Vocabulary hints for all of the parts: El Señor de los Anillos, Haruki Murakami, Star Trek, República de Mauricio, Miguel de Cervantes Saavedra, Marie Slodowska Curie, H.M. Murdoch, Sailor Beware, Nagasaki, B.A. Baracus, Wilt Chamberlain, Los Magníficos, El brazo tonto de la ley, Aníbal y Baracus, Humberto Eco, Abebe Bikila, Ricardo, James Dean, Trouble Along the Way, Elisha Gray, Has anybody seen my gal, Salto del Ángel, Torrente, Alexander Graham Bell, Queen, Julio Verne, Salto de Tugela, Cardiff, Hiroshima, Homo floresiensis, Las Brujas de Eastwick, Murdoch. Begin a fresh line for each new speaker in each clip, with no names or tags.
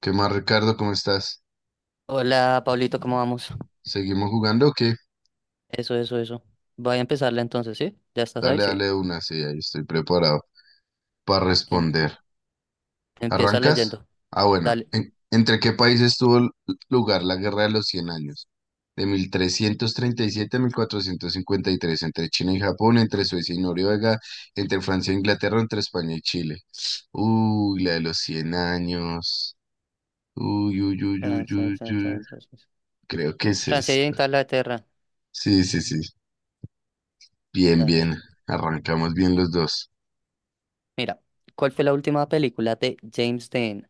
¿Qué más, Ricardo? ¿Cómo estás?
Hola, Pablito, ¿cómo vamos?
¿Seguimos jugando o qué?
Eso, eso, eso. Voy a empezarle, entonces, ¿sí? ¿Ya estás ahí?
Dale,
Sí.
dale de una, sí, ahí estoy preparado para
En-
responder.
empieza
¿Arrancas?
leyendo.
Ah, bueno.
Dale.
¿Entre qué países lugar la Guerra de los Cien años? De 1337 a mil cuatrocientos cincuenta y tres, entre China y Japón, entre Suecia y Noruega, entre Francia e Inglaterra, entre España y Chile. Uy, la de los 100 años. Uy, uy, uy, uy,
Francia
uy, uy. Creo que es
Francia y
esta.
Inglaterra.
Sí, sí, sí. Bien,
Dale.
bien. Arrancamos bien los dos.
Mira, ¿cuál fue la última película de James Dean?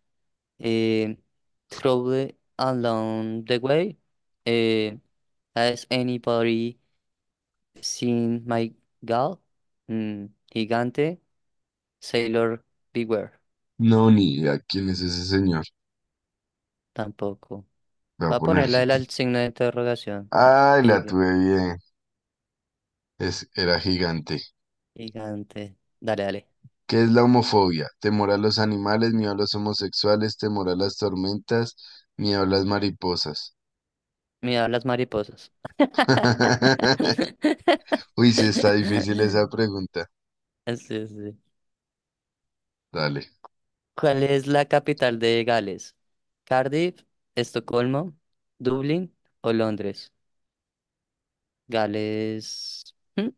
Eh, Trouble Along the Way. Eh, Has anybody seen my gal? Mm, Gigante. Sailor Beware.
No, ni idea quién es ese señor.
Tampoco.
Voy a
Va a
poner.
ponerla el al signo de interrogación. Ah,
Ay, la
giga-
tuve bien. Es, era gigante.
gigante. Dale, dale.
¿Qué es la homofobia? Temor a los animales, miedo a los homosexuales, temor a las tormentas, miedo a las mariposas.
Mira las mariposas.
Uy, sí está difícil esa pregunta.
Sí, sí.
Dale.
¿Cuál es la capital de Gales? ¿Cardiff, Estocolmo, Dublín o Londres? Gales. ¿Mm?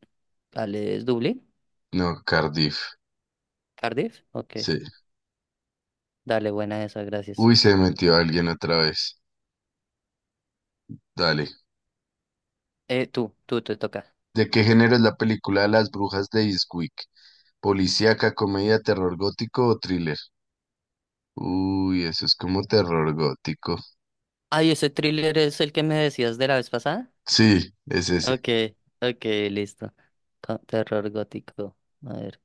¿Gales, Dublín?
No, Cardiff.
¿Cardiff? Ok.
Sí.
Dale, buena esa, gracias.
Uy, se metió alguien otra vez. Dale.
Tú te toca.
¿De qué género es la película Las Brujas de Eastwick? ¿Policíaca, comedia, terror gótico o thriller? Uy, eso es como terror gótico.
Ay, ese thriller es el que me decías de la vez pasada.
Sí, es ese.
Ok, ok, listo. Terror gótico. A ver.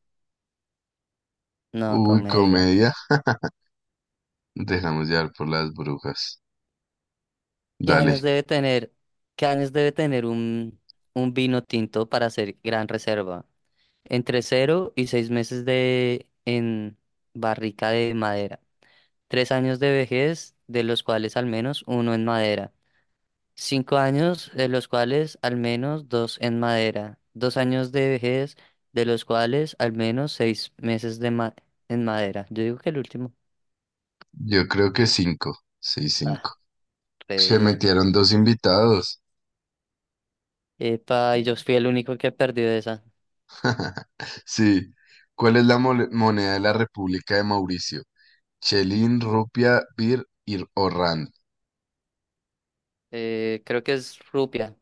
No,
Uy,
comedia.
comedia. Nos dejamos llevar por las brujas.
¿Qué
Dale,
años debe tener? ¿Qué años debe tener un vino tinto para hacer gran reserva? Entre cero y seis meses de en barrica de madera. Tres años de vejez, de los cuales al menos uno en madera. Cinco años, de los cuales al menos dos en madera. Dos años de vejez, de los cuales al menos seis meses en madera. Yo digo que el último.
yo creo que cinco. Sí, cinco.
Ah, re
Se
bien.
metieron dos invitados.
Epa, y yo fui el único que perdió esa.
Sí. ¿Cuál es la moneda de la República de Mauricio? Chelín, rupia, bir o rand.
Creo que es Rupia.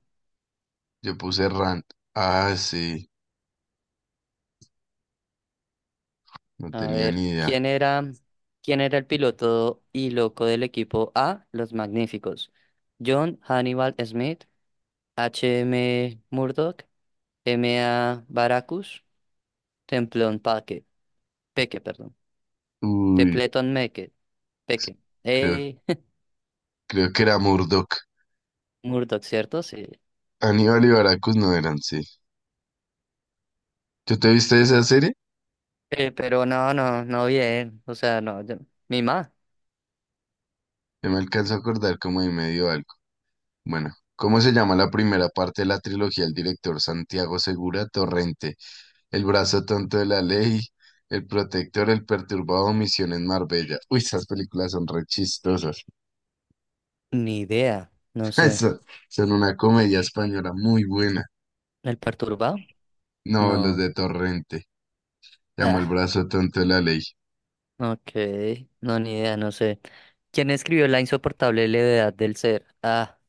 Yo puse rand. Ah, sí. No
A
tenía
ver,
ni idea.
¿quién era el piloto y loco del equipo A? Los Magníficos. John Hannibal Smith, H. H.M. Murdoch, M A. Baracus, Templón Paque, Peque, perdón.
Uy,
Tepleton Meque, Peque.
creo,
Eh,
creo que era Murdoch.
Murdoch, ¿cierto? Sí.
Aníbal y Baracus no eran, sí. ¿Tú te viste esa serie?
Pero no, no, no bien. O sea, no, mi ma.
Yo me alcanzo a acordar como de medio algo. Bueno, ¿cómo se llama la primera parte de la trilogía del director Santiago Segura Torrente? El brazo tonto de la ley, El protector, El perturbado, Misión en Marbella. Uy, esas películas son re chistosas.
Ni idea. No sé.
Eso- Son una comedia española muy buena.
¿El perturbado?
No, los
No.
de Torrente. Se llama El
Ah,
brazo tonto de la ley.
ok, no, ni idea, no sé. ¿Quién escribió La insoportable levedad del ser? Ah,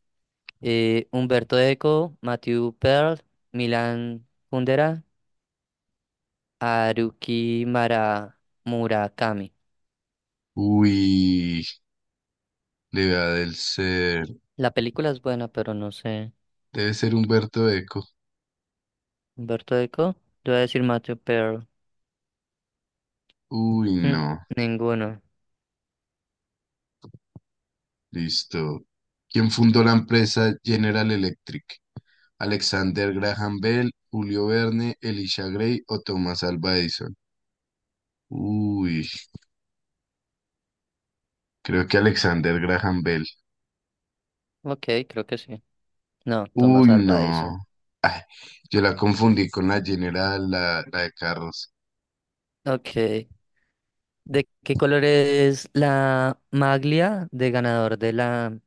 Humberto Eco, Matthew Pearl, Milan Kundera, Haruki Mara Murakami.
Uy, le va del ser.
La película es buena, pero no sé.
Debe ser Humberto Eco.
Humberto Eco, yo voy a decir Matthew Pearl.
Uy,
Mm,
no.
Ninguno.
Listo. ¿Quién fundó la empresa General Electric? Alexander Graham Bell, Julio Verne, Elisha Gray o Thomas Alva Edison. Uy, creo que Alexander Graham Bell.
Ok, creo que sí. No, Thomas
Uy,
Alva Edison.
no. Ay, yo la confundí con la General, la de carros.
Ok, ¿de qué color es la maglia de ganador de la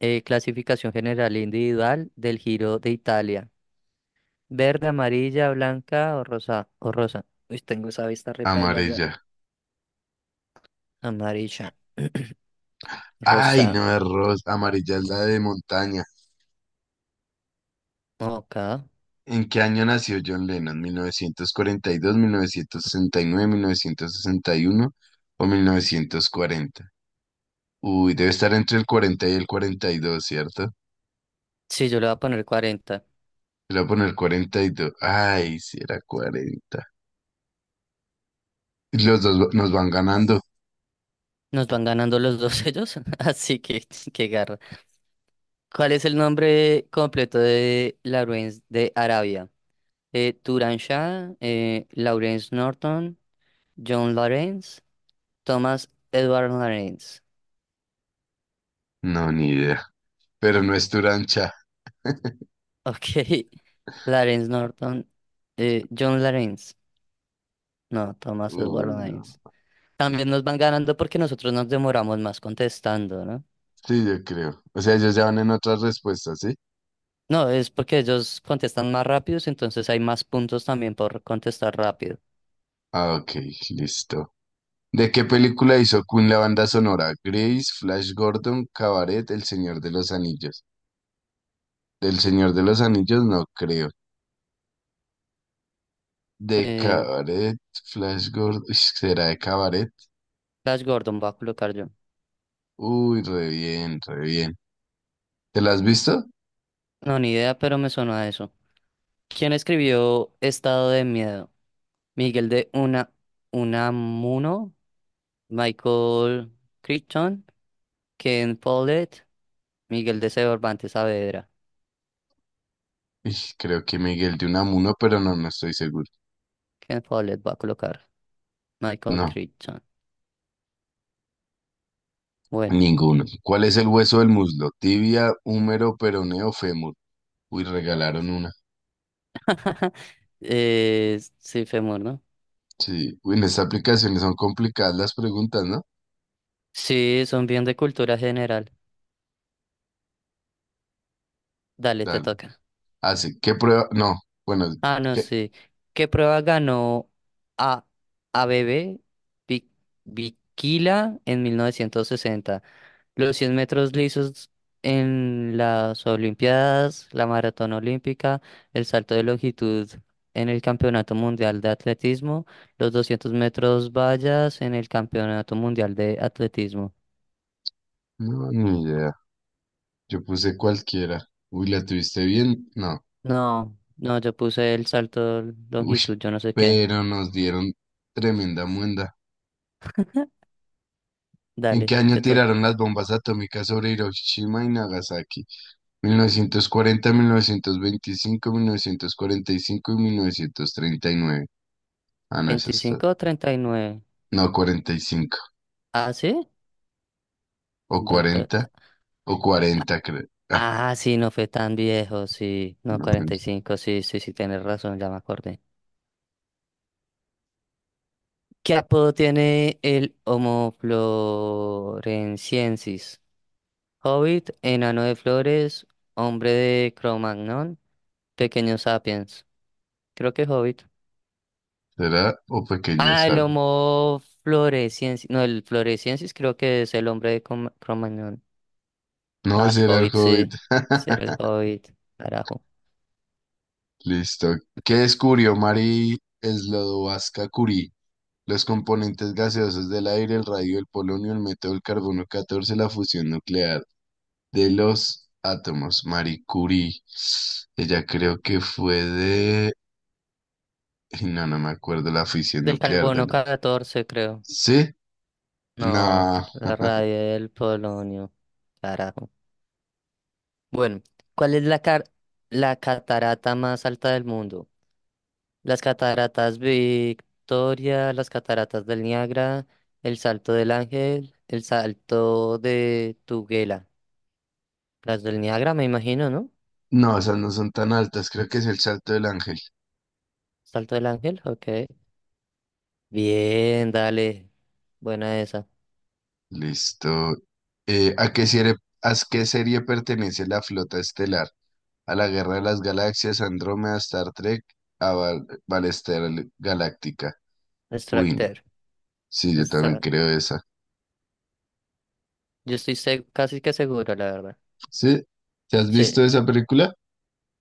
Clasificación general e individual del Giro de Italia? Verde, amarilla, blanca o rosa. O rosa. Uy, tengo esa vista repaila ya.
Amarilla.
Amarilla.
Ay,
Rosa.
no, es rosa. Amarilla es la de montaña.
Ok.
¿En qué año nació John Lennon? Mil mil mil novecientos novecientos novecientos cuarenta y dos, mil novecientos sesenta y nueve, mil novecientos sesenta y uno o 1940. Uy, debe estar entre el 42, ¿cierto?
Sí, yo le voy a poner 40.
Le voy a poner 42. Ay, si era 40. Y nos van ganando.
Nos van ganando los dos ellos, así que qué garra. ¿Cuál es el nombre completo de Lawrence de Arabia? Turan Shah, Lawrence Norton, John Lawrence, Thomas Edward Lawrence.
No, ni idea. Pero no es Turancha.
Ok. Lawrence Norton. John Lawrence. No, Thomas Edward
Uy,
Lawrence.
no.
También nos van ganando porque nosotros nos demoramos más contestando, ¿no?
Sí, yo creo. O sea, ellos ya van en otras respuestas, ¿sí?
No, es porque ellos contestan más rápidos, entonces hay más puntos también por contestar rápido.
Ah, ok, listo. ¿De qué película hizo Queen la banda sonora? Grace, Flash Gordon, Cabaret, El Señor de los Anillos. Del Señor de los Anillos no creo. De
Eh,
Cabaret, Flash Gordon. Uy, ¿será de Cabaret?
Flash Gordon va a colocar yo.
Uy, re bien, re bien. ¿Te la has visto?
No, ni idea, pero me sonó a eso. ¿Quién escribió Estado de Miedo? Miguel de Una, Unamuno, Michael Crichton, Ken Follett, Miguel de Cervantes Saavedra.
Ij, creo que Miguel de Unamuno, pero no, no estoy seguro.
Ken Follett va a colocar Michael
No,
Crichton. Bueno,
ninguno. ¿Cuál es el hueso del muslo? Tibia, húmero, peroneo, fémur. Uy, regalaron una.
sí, Femur, ¿no?
Sí. Uy, en estas aplicaciones son complicadas las preguntas, ¿no?
Sí, son bien de cultura general. Dale, te
Dale.
toca.
Hace, ¿qué prueba? No. Bueno,
Ah, no,
¿qué?
sí. ¿Qué prueba ganó a ABB Bikila en 1960? Los 100 metros lisos en las Olimpiadas, la maratón olímpica, el salto de longitud en el Campeonato Mundial de Atletismo, los 200 metros vallas en el Campeonato Mundial de Atletismo.
No, ni idea. Yo puse cualquiera. Uy, ¿la tuviste bien? No.
No, no, yo puse el salto de
Uy,
longitud, yo no sé qué.
pero nos dieron tremenda muenda. ¿En qué
Dale,
año
te toca.
tiraron las bombas atómicas sobre Hiroshima y Nagasaki? 1940, 1925, 1945 y 1939. Ah, no, esa está.
25 o 39.
No, 45.
¿Ah, sí?
O
Va pa-
40, o 40, creo. Ah,
Ah, sí, no fue tan viejo, sí. No,
no, no,
45, sí, sí, sí, tienes razón, ya me acordé. ¿Qué apodo tiene el Homo floresiensis? Hobbit, enano de flores, hombre de Cromagnon, pequeño sapiens. Creo que es Hobbit.
será o pequeño
Ah, el
sad.
Homo floresiensis. No, el floresiensis creo que es el hombre de Cromagnon.
No,
Ah, el
será el
Hobbit, sí.
Hobbit.
Ser el Hobbit. Carajo.
Listo. ¿Qué descubrió Marie Slodowska Curie? Los componentes gaseosos del aire, el radio, el polonio, el método del carbono 14, la fusión nuclear. De los átomos, Marie Curie. Ella creo que fue de... No, no me acuerdo la fisión
Del
nuclear de
carbono
la...
14 creo.
¿Sí?
No,
No,
la radio del polonio. Carajo. Bueno, ¿cuál es la catarata más alta del mundo? Las cataratas Victoria, las cataratas del Niágara, el Salto del Ángel, el Salto de Tuguela. Las del Niágara, me imagino, ¿no?
no, esas no son tan altas. Creo que es el salto del ángel.
Salto del Ángel, ok. Bien, dale. Buena esa.
Listo. Eh, ¿a qué serie, ¿A qué serie pertenece la flota estelar? ¿A la Guerra de las Galaxias, Andrómeda, Star Trek, a Val Battlestar Galáctica? Win.
Extractor.
Sí, yo también
Extra-
creo esa.
Yo estoy casi que seguro, la verdad.
¿Sí? ¿Te has visto
Sí.
esa película?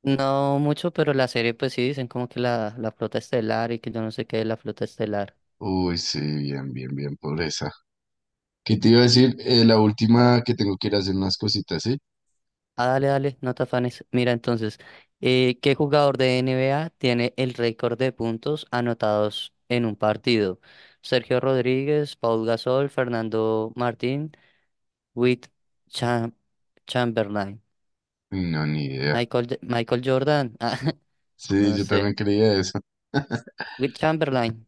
No mucho, pero la serie, pues sí, dicen como que la flota estelar y que yo no sé qué es la flota estelar.
Uy, sí, bien, bien, bien, pobreza. ¿Qué te iba a decir? La última, que tengo que ir a hacer unas cositas, ¿sí?
Ah, dale, dale, no te afanes. Mira entonces, ¿qué jugador de NBA tiene el récord de puntos anotados en un partido? Sergio Rodríguez, Paul Gasol, Fernando Martín, Wilt Cham- Chamberlain,
Uy, no, ni idea.
Michael Jordan, ah,
Sí,
no
yo también
sé,
creía eso.
Wilt Chamberlain,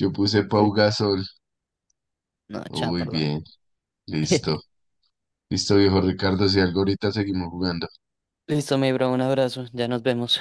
Yo puse Pau
Wilt-
Gasol.
no,
Uy,
Chamberlain.
bien, listo. Listo, viejo Ricardo, si algo ahorita seguimos jugando.
Listo, mi bro, un abrazo, ya nos vemos.